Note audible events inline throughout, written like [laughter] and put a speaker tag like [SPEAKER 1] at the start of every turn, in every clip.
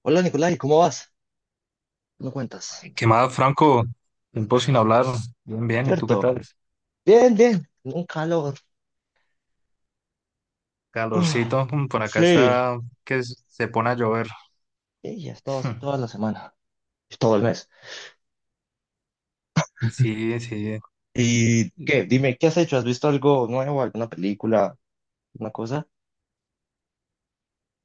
[SPEAKER 1] Hola Nicolai, ¿cómo vas? ¿No cuentas?
[SPEAKER 2] ¿Qué más, Franco? Tiempo sin hablar. Bien, bien. ¿Y tú qué
[SPEAKER 1] ¿Cierto?
[SPEAKER 2] tal?
[SPEAKER 1] Bien, bien. Un calor. Uf,
[SPEAKER 2] Calorcito. Por acá
[SPEAKER 1] sí.
[SPEAKER 2] está que se pone a llover.
[SPEAKER 1] Y ya estado así toda
[SPEAKER 2] [laughs]
[SPEAKER 1] la semana. Todo el mes.
[SPEAKER 2] Sí, sí.
[SPEAKER 1] ¿Y qué? Dime, ¿qué has hecho? ¿Has visto algo nuevo? ¿Alguna película? ¿Una cosa?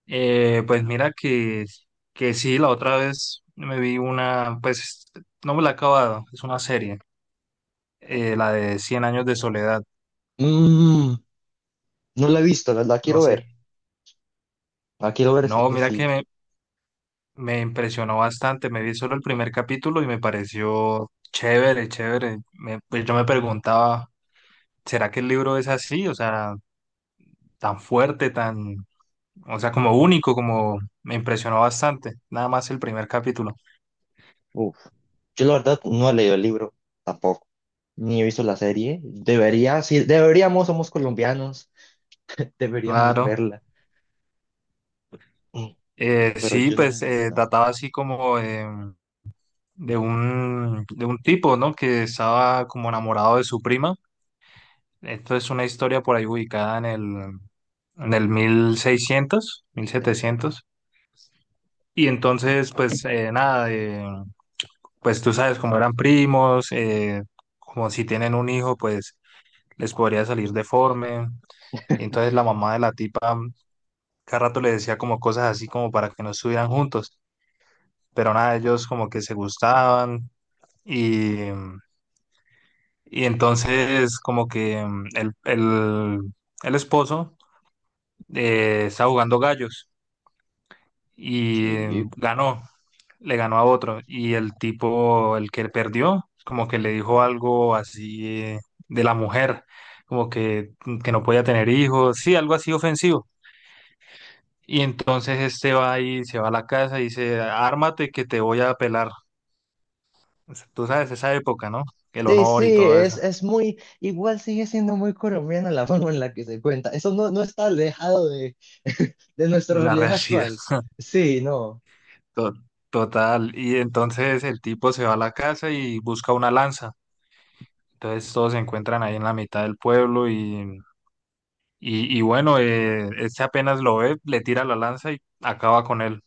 [SPEAKER 2] Pues mira que sí, la otra vez me vi una, pues no me la he acabado, es una serie, la de Cien años de soledad,
[SPEAKER 1] Mm, no la he visto, la
[SPEAKER 2] no
[SPEAKER 1] quiero
[SPEAKER 2] sé.
[SPEAKER 1] ver. La quiero ver, es
[SPEAKER 2] No,
[SPEAKER 1] que
[SPEAKER 2] mira
[SPEAKER 1] sí.
[SPEAKER 2] me impresionó bastante, me vi solo el primer capítulo y me pareció chévere, chévere. Pues yo me preguntaba, ¿será que el libro es así? O sea, tan fuerte, tan, o sea, como único, como me impresionó bastante, nada más el primer capítulo.
[SPEAKER 1] Uf. Yo la verdad no he leído el libro tampoco. Ni he visto la serie. Debería, sí, deberíamos, somos colombianos. [laughs] Deberíamos
[SPEAKER 2] Claro.
[SPEAKER 1] verla. Mm, no, pero
[SPEAKER 2] Sí,
[SPEAKER 1] yo no he
[SPEAKER 2] pues
[SPEAKER 1] visto.
[SPEAKER 2] trataba así como de un tipo, ¿no? Que estaba como enamorado de su prima. Esto es una historia por ahí ubicada en en el 1600 mil
[SPEAKER 1] Sí.
[SPEAKER 2] setecientos Y entonces, pues nada, pues tú sabes como eran primos, como si tienen un hijo, pues les podría salir deforme. Y entonces la mamá de la tipa cada rato le decía como cosas así como para que no estuvieran juntos, pero nada, ellos como que se gustaban y, y entonces como que el esposo estaba jugando gallos y
[SPEAKER 1] Sí.
[SPEAKER 2] ganó, le ganó a otro y el tipo, el que perdió, como que le dijo algo así de la mujer, como que, que no podía tener hijos, sí, algo así ofensivo. Y entonces este va y se va a la casa y dice, ármate que te voy a pelar. O sea, tú sabes esa época, ¿no? El
[SPEAKER 1] Sí,
[SPEAKER 2] honor y
[SPEAKER 1] sí,
[SPEAKER 2] todo
[SPEAKER 1] es,
[SPEAKER 2] eso,
[SPEAKER 1] es muy, igual sigue siendo muy colombiana la [laughs] forma en la que se cuenta. Eso no está alejado de, [laughs] de nuestra
[SPEAKER 2] la [laughs]
[SPEAKER 1] realidad
[SPEAKER 2] realidad
[SPEAKER 1] actual. Sí, no.
[SPEAKER 2] to- total. Y entonces el tipo se va a la casa y busca una lanza. Entonces todos se encuentran ahí en la mitad del pueblo y bueno, este apenas lo ve, le tira la lanza y acaba con él.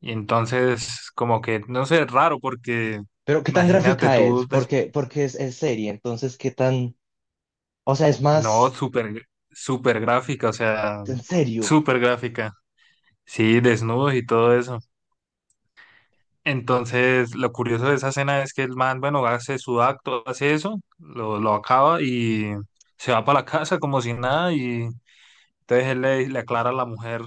[SPEAKER 2] Y entonces como que, no sé, es raro porque
[SPEAKER 1] Pero ¿qué tan
[SPEAKER 2] imagínate
[SPEAKER 1] gráfica es?
[SPEAKER 2] tú.
[SPEAKER 1] Porque, es serie, entonces ¿qué tan, o sea, es
[SPEAKER 2] No,
[SPEAKER 1] más
[SPEAKER 2] súper, súper gráfica, o sea,
[SPEAKER 1] en serio?
[SPEAKER 2] súper gráfica. Sí, desnudos y todo eso. Entonces, lo curioso de esa escena es que el man, bueno, hace su acto, hace eso, lo acaba y se va para la casa como si nada y entonces le aclara a la mujer,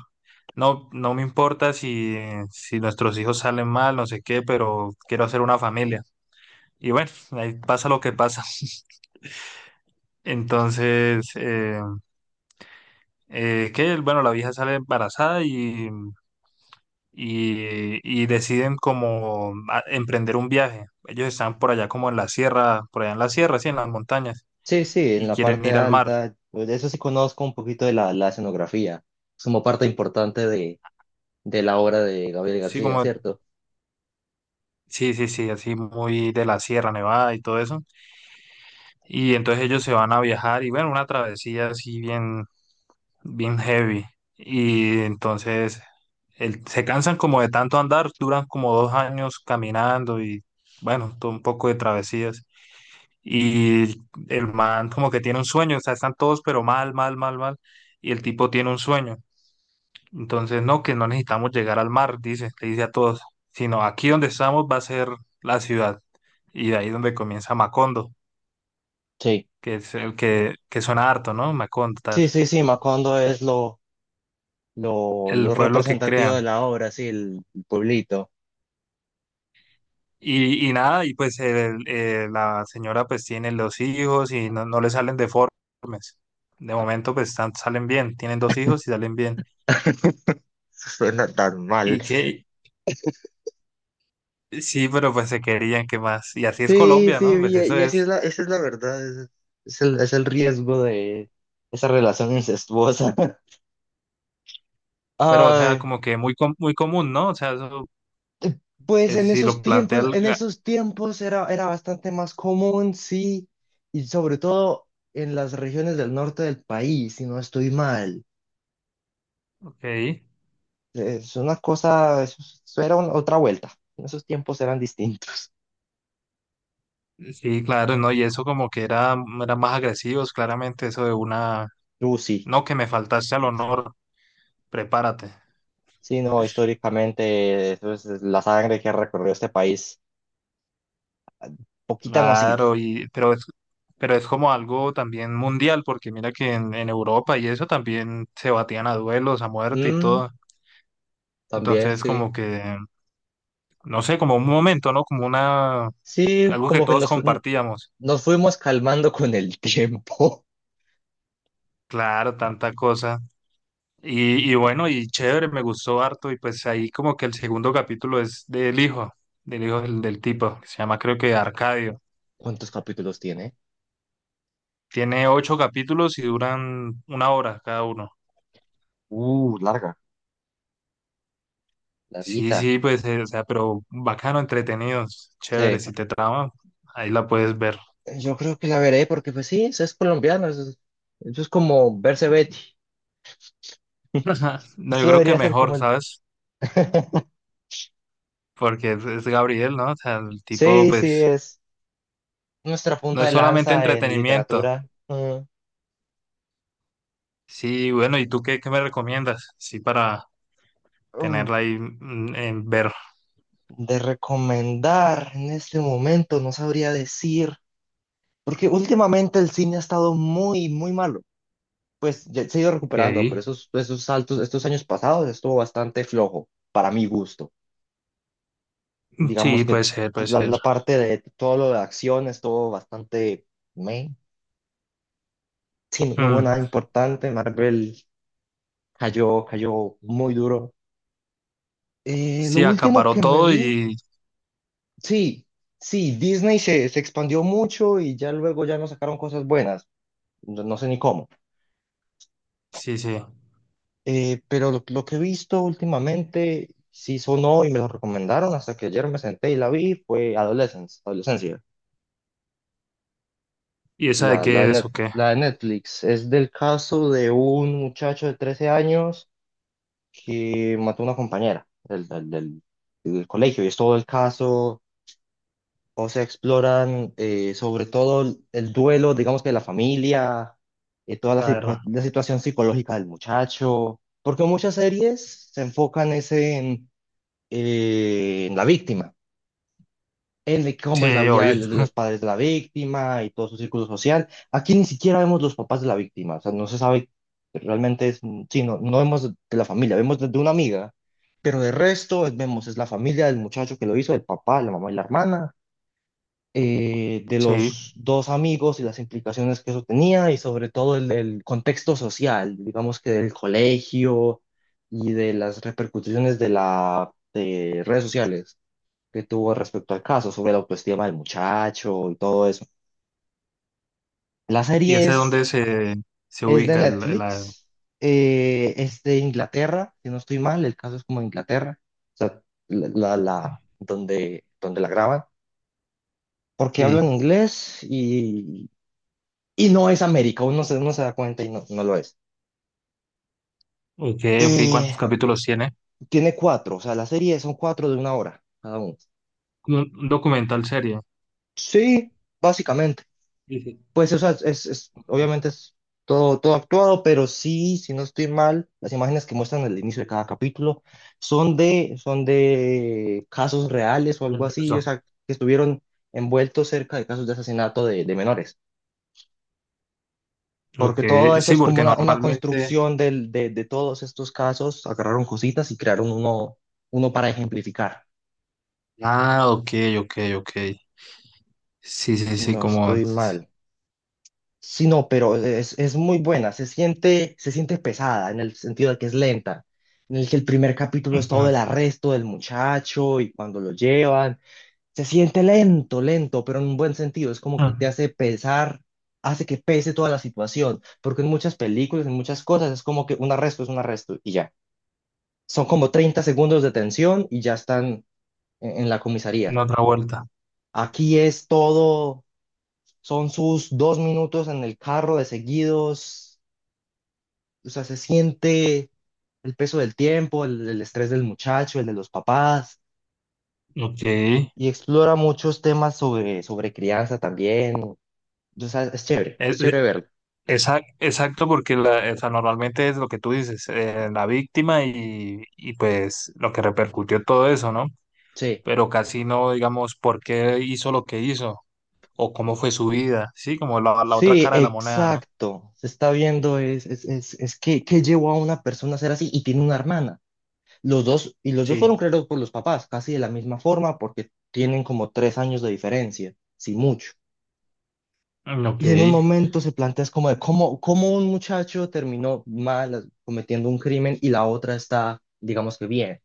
[SPEAKER 2] no, no me importa si nuestros hijos salen mal, no sé qué, pero quiero hacer una familia. Y bueno, ahí pasa lo que pasa. [laughs] Entonces, que, bueno, la vieja sale embarazada y, y deciden como emprender un viaje. Ellos están por allá como en la sierra, por allá en la sierra, sí, en las montañas,
[SPEAKER 1] Sí, sí, en
[SPEAKER 2] y
[SPEAKER 1] la
[SPEAKER 2] quieren
[SPEAKER 1] parte
[SPEAKER 2] ir al mar.
[SPEAKER 1] alta, pues, de eso sí conozco un poquito de la escenografía, es como parte importante de la obra de Gabriel
[SPEAKER 2] Sí,
[SPEAKER 1] García,
[SPEAKER 2] como,
[SPEAKER 1] ¿cierto?
[SPEAKER 2] sí, sí, sí, así muy de la Sierra Nevada y todo eso. Y entonces ellos se van a viajar y bueno, una travesía así bien, bien heavy. Y entonces se cansan como de tanto andar, duran como 2 años caminando y bueno, todo un poco de travesías. Y el man como que tiene un sueño, o sea, están todos pero mal, mal, mal, mal. Y el tipo tiene un sueño. Entonces, no, que no necesitamos llegar al mar, dice, le dice a todos, sino aquí donde estamos va a ser la ciudad. Y de ahí donde comienza Macondo,
[SPEAKER 1] Sí,
[SPEAKER 2] que es el que suena harto, ¿no? Macondo, tal,
[SPEAKER 1] sí, Macondo es lo... lo,
[SPEAKER 2] el
[SPEAKER 1] lo
[SPEAKER 2] pueblo que
[SPEAKER 1] representativo de
[SPEAKER 2] crean.
[SPEAKER 1] la obra, sí, el pueblito.
[SPEAKER 2] Y nada, y pues la señora pues tiene los hijos y no, no le salen deformes. De momento pues están, salen bien, tienen dos hijos y salen bien.
[SPEAKER 1] Suena tan mal.
[SPEAKER 2] ¿Y qué? Sí, pero pues se querían que más. Y así es
[SPEAKER 1] Sí,
[SPEAKER 2] Colombia,
[SPEAKER 1] sí,
[SPEAKER 2] ¿no? Pues eso
[SPEAKER 1] y así es
[SPEAKER 2] es.
[SPEAKER 1] la, esa es la verdad, es, es el riesgo de esa relación incestuosa. [laughs]
[SPEAKER 2] Pero, o sea,
[SPEAKER 1] Ay,
[SPEAKER 2] como que muy, muy común, ¿no? O sea, eso,
[SPEAKER 1] pues
[SPEAKER 2] pues, si lo plantea el...
[SPEAKER 1] en
[SPEAKER 2] ga-
[SPEAKER 1] esos tiempos era, era bastante más común, sí, y sobre todo en las regiones del norte del país, si no estoy mal.
[SPEAKER 2] Ok.
[SPEAKER 1] Es una cosa, eso era una- otra vuelta. En esos tiempos eran distintos.
[SPEAKER 2] Sí, claro, ¿no? Y eso como que era, eran más agresivos, claramente, eso de una...
[SPEAKER 1] Sí.
[SPEAKER 2] No, que me faltaste al honor, prepárate.
[SPEAKER 1] Sí, no, históricamente eso es la sangre que ha recorrido este país. Poquita no ha sido.
[SPEAKER 2] Claro, y... pero es como algo también mundial, porque mira que en Europa y eso también se batían a duelos, a muerte y
[SPEAKER 1] Mm,
[SPEAKER 2] todo.
[SPEAKER 1] también,
[SPEAKER 2] Entonces,
[SPEAKER 1] sí.
[SPEAKER 2] como que, no sé, como un momento, ¿no? Como una...
[SPEAKER 1] Sí,
[SPEAKER 2] algo que
[SPEAKER 1] como que
[SPEAKER 2] todos
[SPEAKER 1] nos, fu-
[SPEAKER 2] compartíamos.
[SPEAKER 1] nos fuimos calmando con el tiempo.
[SPEAKER 2] Claro, tanta cosa. Y bueno, y chévere, me gustó harto. Y pues ahí como que el segundo capítulo es del hijo, del hijo del tipo, que se llama creo que Arcadio.
[SPEAKER 1] [laughs] ¿Cuántos capítulos tiene?
[SPEAKER 2] Tiene 8 capítulos y duran una hora cada uno.
[SPEAKER 1] Larga,
[SPEAKER 2] Sí,
[SPEAKER 1] larguita.
[SPEAKER 2] sí, pues, o sea, pero bacano, entretenidos, chévere.
[SPEAKER 1] Sí,
[SPEAKER 2] Si te trama, ahí la puedes ver.
[SPEAKER 1] yo creo que la veré porque pues sí, eso es colombiano, eso es como verse Betty.
[SPEAKER 2] Ajá. [laughs] No, yo
[SPEAKER 1] Eso
[SPEAKER 2] creo que
[SPEAKER 1] debería ser como
[SPEAKER 2] mejor,
[SPEAKER 1] el...
[SPEAKER 2] ¿sabes?
[SPEAKER 1] [laughs]
[SPEAKER 2] Porque es Gabriel, ¿no? O sea, el tipo,
[SPEAKER 1] Sí, sí,
[SPEAKER 2] pues,
[SPEAKER 1] es nuestra punta
[SPEAKER 2] no
[SPEAKER 1] de
[SPEAKER 2] es solamente
[SPEAKER 1] lanza en
[SPEAKER 2] entretenimiento.
[SPEAKER 1] literatura. Mm.
[SPEAKER 2] Sí, bueno, ¿y tú qué, qué me recomiendas? Sí, para tenerla ahí en ver.
[SPEAKER 1] De recomendar en este momento, no sabría decir, porque últimamente el cine ha estado muy, muy malo. Pues ya se ha ido
[SPEAKER 2] Ok.
[SPEAKER 1] recuperando, pero esos, esos saltos, estos años pasados estuvo bastante flojo, para mi gusto.
[SPEAKER 2] Sí,
[SPEAKER 1] Digamos que
[SPEAKER 2] puede ser, puede
[SPEAKER 1] la,
[SPEAKER 2] ser.
[SPEAKER 1] la parte de todo lo de acción estuvo bastante meh. Sí, no hubo nada
[SPEAKER 2] Mm.
[SPEAKER 1] importante. Marvel cayó, cayó muy duro. Lo
[SPEAKER 2] Sí,
[SPEAKER 1] último
[SPEAKER 2] acaparó
[SPEAKER 1] que me
[SPEAKER 2] todo
[SPEAKER 1] vi,
[SPEAKER 2] y
[SPEAKER 1] sí. Sí, Disney se expandió mucho y ya luego ya no sacaron cosas buenas. No no sé ni cómo.
[SPEAKER 2] sí, sí.
[SPEAKER 1] Pero lo que he visto últimamente, sí sonó y me lo recomendaron hasta que ayer me senté y la vi, fue Adolescence, Adolescencia,
[SPEAKER 2] ¿Y esa de
[SPEAKER 1] de
[SPEAKER 2] qué es o qué?
[SPEAKER 1] La de Netflix. Es del caso de un muchacho de 13 años que mató a una compañera del colegio y es todo el caso. O sea, exploran sobre todo el duelo, digamos que de la familia, toda la,
[SPEAKER 2] Claro.
[SPEAKER 1] la situación psicológica del muchacho, porque muchas series se enfocan ese en la víctima, en de cómo es la
[SPEAKER 2] Sí,
[SPEAKER 1] vida
[SPEAKER 2] oye.
[SPEAKER 1] de los padres de la víctima y todo su círculo social. Aquí ni siquiera vemos los papás de la víctima, o sea, no se sabe realmente, es, sí, no, no vemos de la familia, vemos de una amiga, pero de resto vemos es la familia del muchacho que lo hizo, el papá, la mamá y la hermana de
[SPEAKER 2] Sí.
[SPEAKER 1] los dos amigos y las implicaciones que eso tenía y sobre todo el contexto social, digamos que del colegio y de las repercusiones de la de redes sociales que tuvo respecto al caso, sobre la autoestima del muchacho y todo eso. La
[SPEAKER 2] ¿Y
[SPEAKER 1] serie
[SPEAKER 2] ese dónde se
[SPEAKER 1] es de
[SPEAKER 2] ubica el...
[SPEAKER 1] Netflix, es de Inglaterra, si no estoy mal, el caso es como de Inglaterra, o sea, donde, donde la graban, porque hablan
[SPEAKER 2] Sí.
[SPEAKER 1] inglés. Y no es América, uno uno se da cuenta y no, no lo es.
[SPEAKER 2] Ok, ok. ¿Cuántos
[SPEAKER 1] Eh,
[SPEAKER 2] capítulos tiene?
[SPEAKER 1] Tiene cuatro, o sea, la serie son cuatro de una hora cada uno.
[SPEAKER 2] Un documental serie.
[SPEAKER 1] Sí, básicamente.
[SPEAKER 2] Sí, sí.
[SPEAKER 1] Pues, o sea, obviamente es todo actuado, pero sí, si no estoy mal, las imágenes que muestran al inicio de cada capítulo son de casos reales o
[SPEAKER 2] Del
[SPEAKER 1] algo así, o
[SPEAKER 2] peso.
[SPEAKER 1] sea, que estuvieron envueltos cerca de casos de asesinato de menores.
[SPEAKER 2] Ok,
[SPEAKER 1] Porque todo eso
[SPEAKER 2] sí,
[SPEAKER 1] es como
[SPEAKER 2] porque
[SPEAKER 1] una
[SPEAKER 2] normalmente.
[SPEAKER 1] construcción de todos estos casos, agarraron cositas y crearon uno, uno para ejemplificar,
[SPEAKER 2] Ah, ok, ok, ok. Sí, sí,
[SPEAKER 1] si
[SPEAKER 2] sí,
[SPEAKER 1] no
[SPEAKER 2] como.
[SPEAKER 1] estoy mal. Sí, no, pero es muy buena, se siente pesada en el sentido de que es lenta, en el que el primer capítulo es todo el
[SPEAKER 2] Ujú.
[SPEAKER 1] arresto del muchacho y cuando lo llevan, se siente lento, lento, pero en un buen sentido, es como que te
[SPEAKER 2] Mm.
[SPEAKER 1] hace pesar, hace que pese toda la situación, porque en muchas películas, en muchas cosas, es como que un arresto es un arresto y ya. Son como 30 segundos de tensión y ya están en la comisaría.
[SPEAKER 2] La otra vuelta.
[SPEAKER 1] Aquí es todo, son sus dos minutos en el carro de seguidos, o sea, se siente el peso del tiempo, el estrés del muchacho, el de los papás,
[SPEAKER 2] Ok.
[SPEAKER 1] y explora muchos temas sobre, sobre crianza también. O sea,
[SPEAKER 2] Eh,
[SPEAKER 1] es chévere verlo.
[SPEAKER 2] esa- exacto, porque la, o sea, normalmente es lo que tú dices, la víctima y pues lo que repercutió todo eso, ¿no?
[SPEAKER 1] Sí.
[SPEAKER 2] Pero casi no, digamos, por qué hizo lo que hizo o cómo fue su vida, ¿sí? Como la otra
[SPEAKER 1] Sí,
[SPEAKER 2] cara de la moneda, ¿no?
[SPEAKER 1] exacto. Se está viendo, es que llevó a una persona a ser así y tiene una hermana. Los dos, y los dos
[SPEAKER 2] Sí.
[SPEAKER 1] fueron creados por los papás, casi de la misma forma, porque tienen como tres años de diferencia, si mucho.
[SPEAKER 2] Mm. Ok.
[SPEAKER 1] Y en un momento se plantea es como de cómo, cómo un muchacho terminó mal cometiendo un crimen y la otra está, digamos que bien.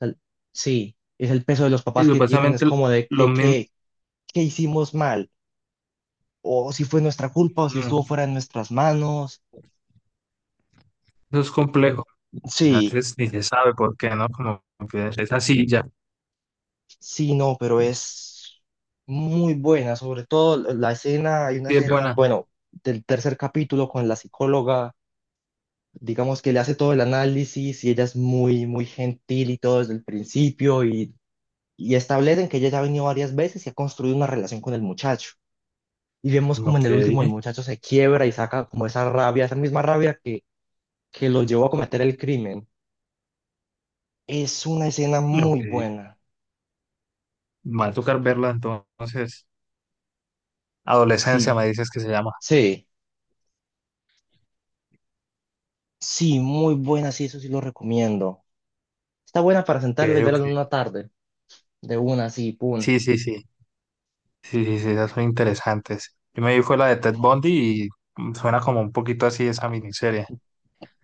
[SPEAKER 1] O sea, sí, es el peso de los
[SPEAKER 2] Sí,
[SPEAKER 1] papás que tienen,
[SPEAKER 2] supuestamente
[SPEAKER 1] es como de
[SPEAKER 2] lo mismo.
[SPEAKER 1] qué, qué hicimos mal, o si fue nuestra culpa, o si estuvo
[SPEAKER 2] mm,
[SPEAKER 1] fuera de nuestras manos.
[SPEAKER 2] Eso es complejo. A
[SPEAKER 1] Sí.
[SPEAKER 2] veces ni se sabe por qué, ¿no? Como que es así, ya.
[SPEAKER 1] Sí, no, pero es muy buena, sobre todo la escena, hay una
[SPEAKER 2] Sí, es
[SPEAKER 1] escena,
[SPEAKER 2] buena.
[SPEAKER 1] bueno, del tercer capítulo con la psicóloga, digamos que le hace todo el análisis y ella es muy, muy gentil y todo desde el principio y establecen que ella ya ha venido varias veces y ha construido una relación con el muchacho. Y vemos como en el
[SPEAKER 2] Ok.
[SPEAKER 1] último el muchacho se quiebra y saca como esa rabia, esa misma rabia que lo llevó a cometer el crimen. Es una escena muy
[SPEAKER 2] Ok.
[SPEAKER 1] buena,
[SPEAKER 2] Me va a tocar verla entonces. Adolescencia
[SPEAKER 1] sí,
[SPEAKER 2] me dices que se llama.
[SPEAKER 1] sí, sí, muy buena, sí, eso sí lo recomiendo. Está buena para sentarla
[SPEAKER 2] Que
[SPEAKER 1] y
[SPEAKER 2] yo
[SPEAKER 1] verla en
[SPEAKER 2] que
[SPEAKER 1] una tarde, de una así, pum.
[SPEAKER 2] sí, sí, sí. Sí, sí, sí, esas son interesantes. Yo me vi fue la de Ted Bundy y suena como un poquito así esa miniserie,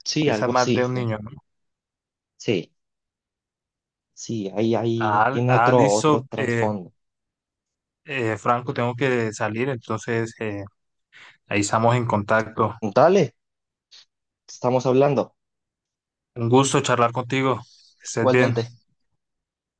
[SPEAKER 1] Sí,
[SPEAKER 2] que esa es
[SPEAKER 1] algo
[SPEAKER 2] más
[SPEAKER 1] así,
[SPEAKER 2] de un
[SPEAKER 1] sí.
[SPEAKER 2] niño, ¿no?
[SPEAKER 1] Sí, sí, ahí, ahí
[SPEAKER 2] Ah,
[SPEAKER 1] tiene
[SPEAKER 2] ah,
[SPEAKER 1] otro, otro
[SPEAKER 2] listo,
[SPEAKER 1] trasfondo.
[SPEAKER 2] Franco, tengo que salir, entonces ahí estamos en contacto.
[SPEAKER 1] Dale, estamos hablando.
[SPEAKER 2] Un gusto charlar contigo. Que estés bien.
[SPEAKER 1] Igualmente.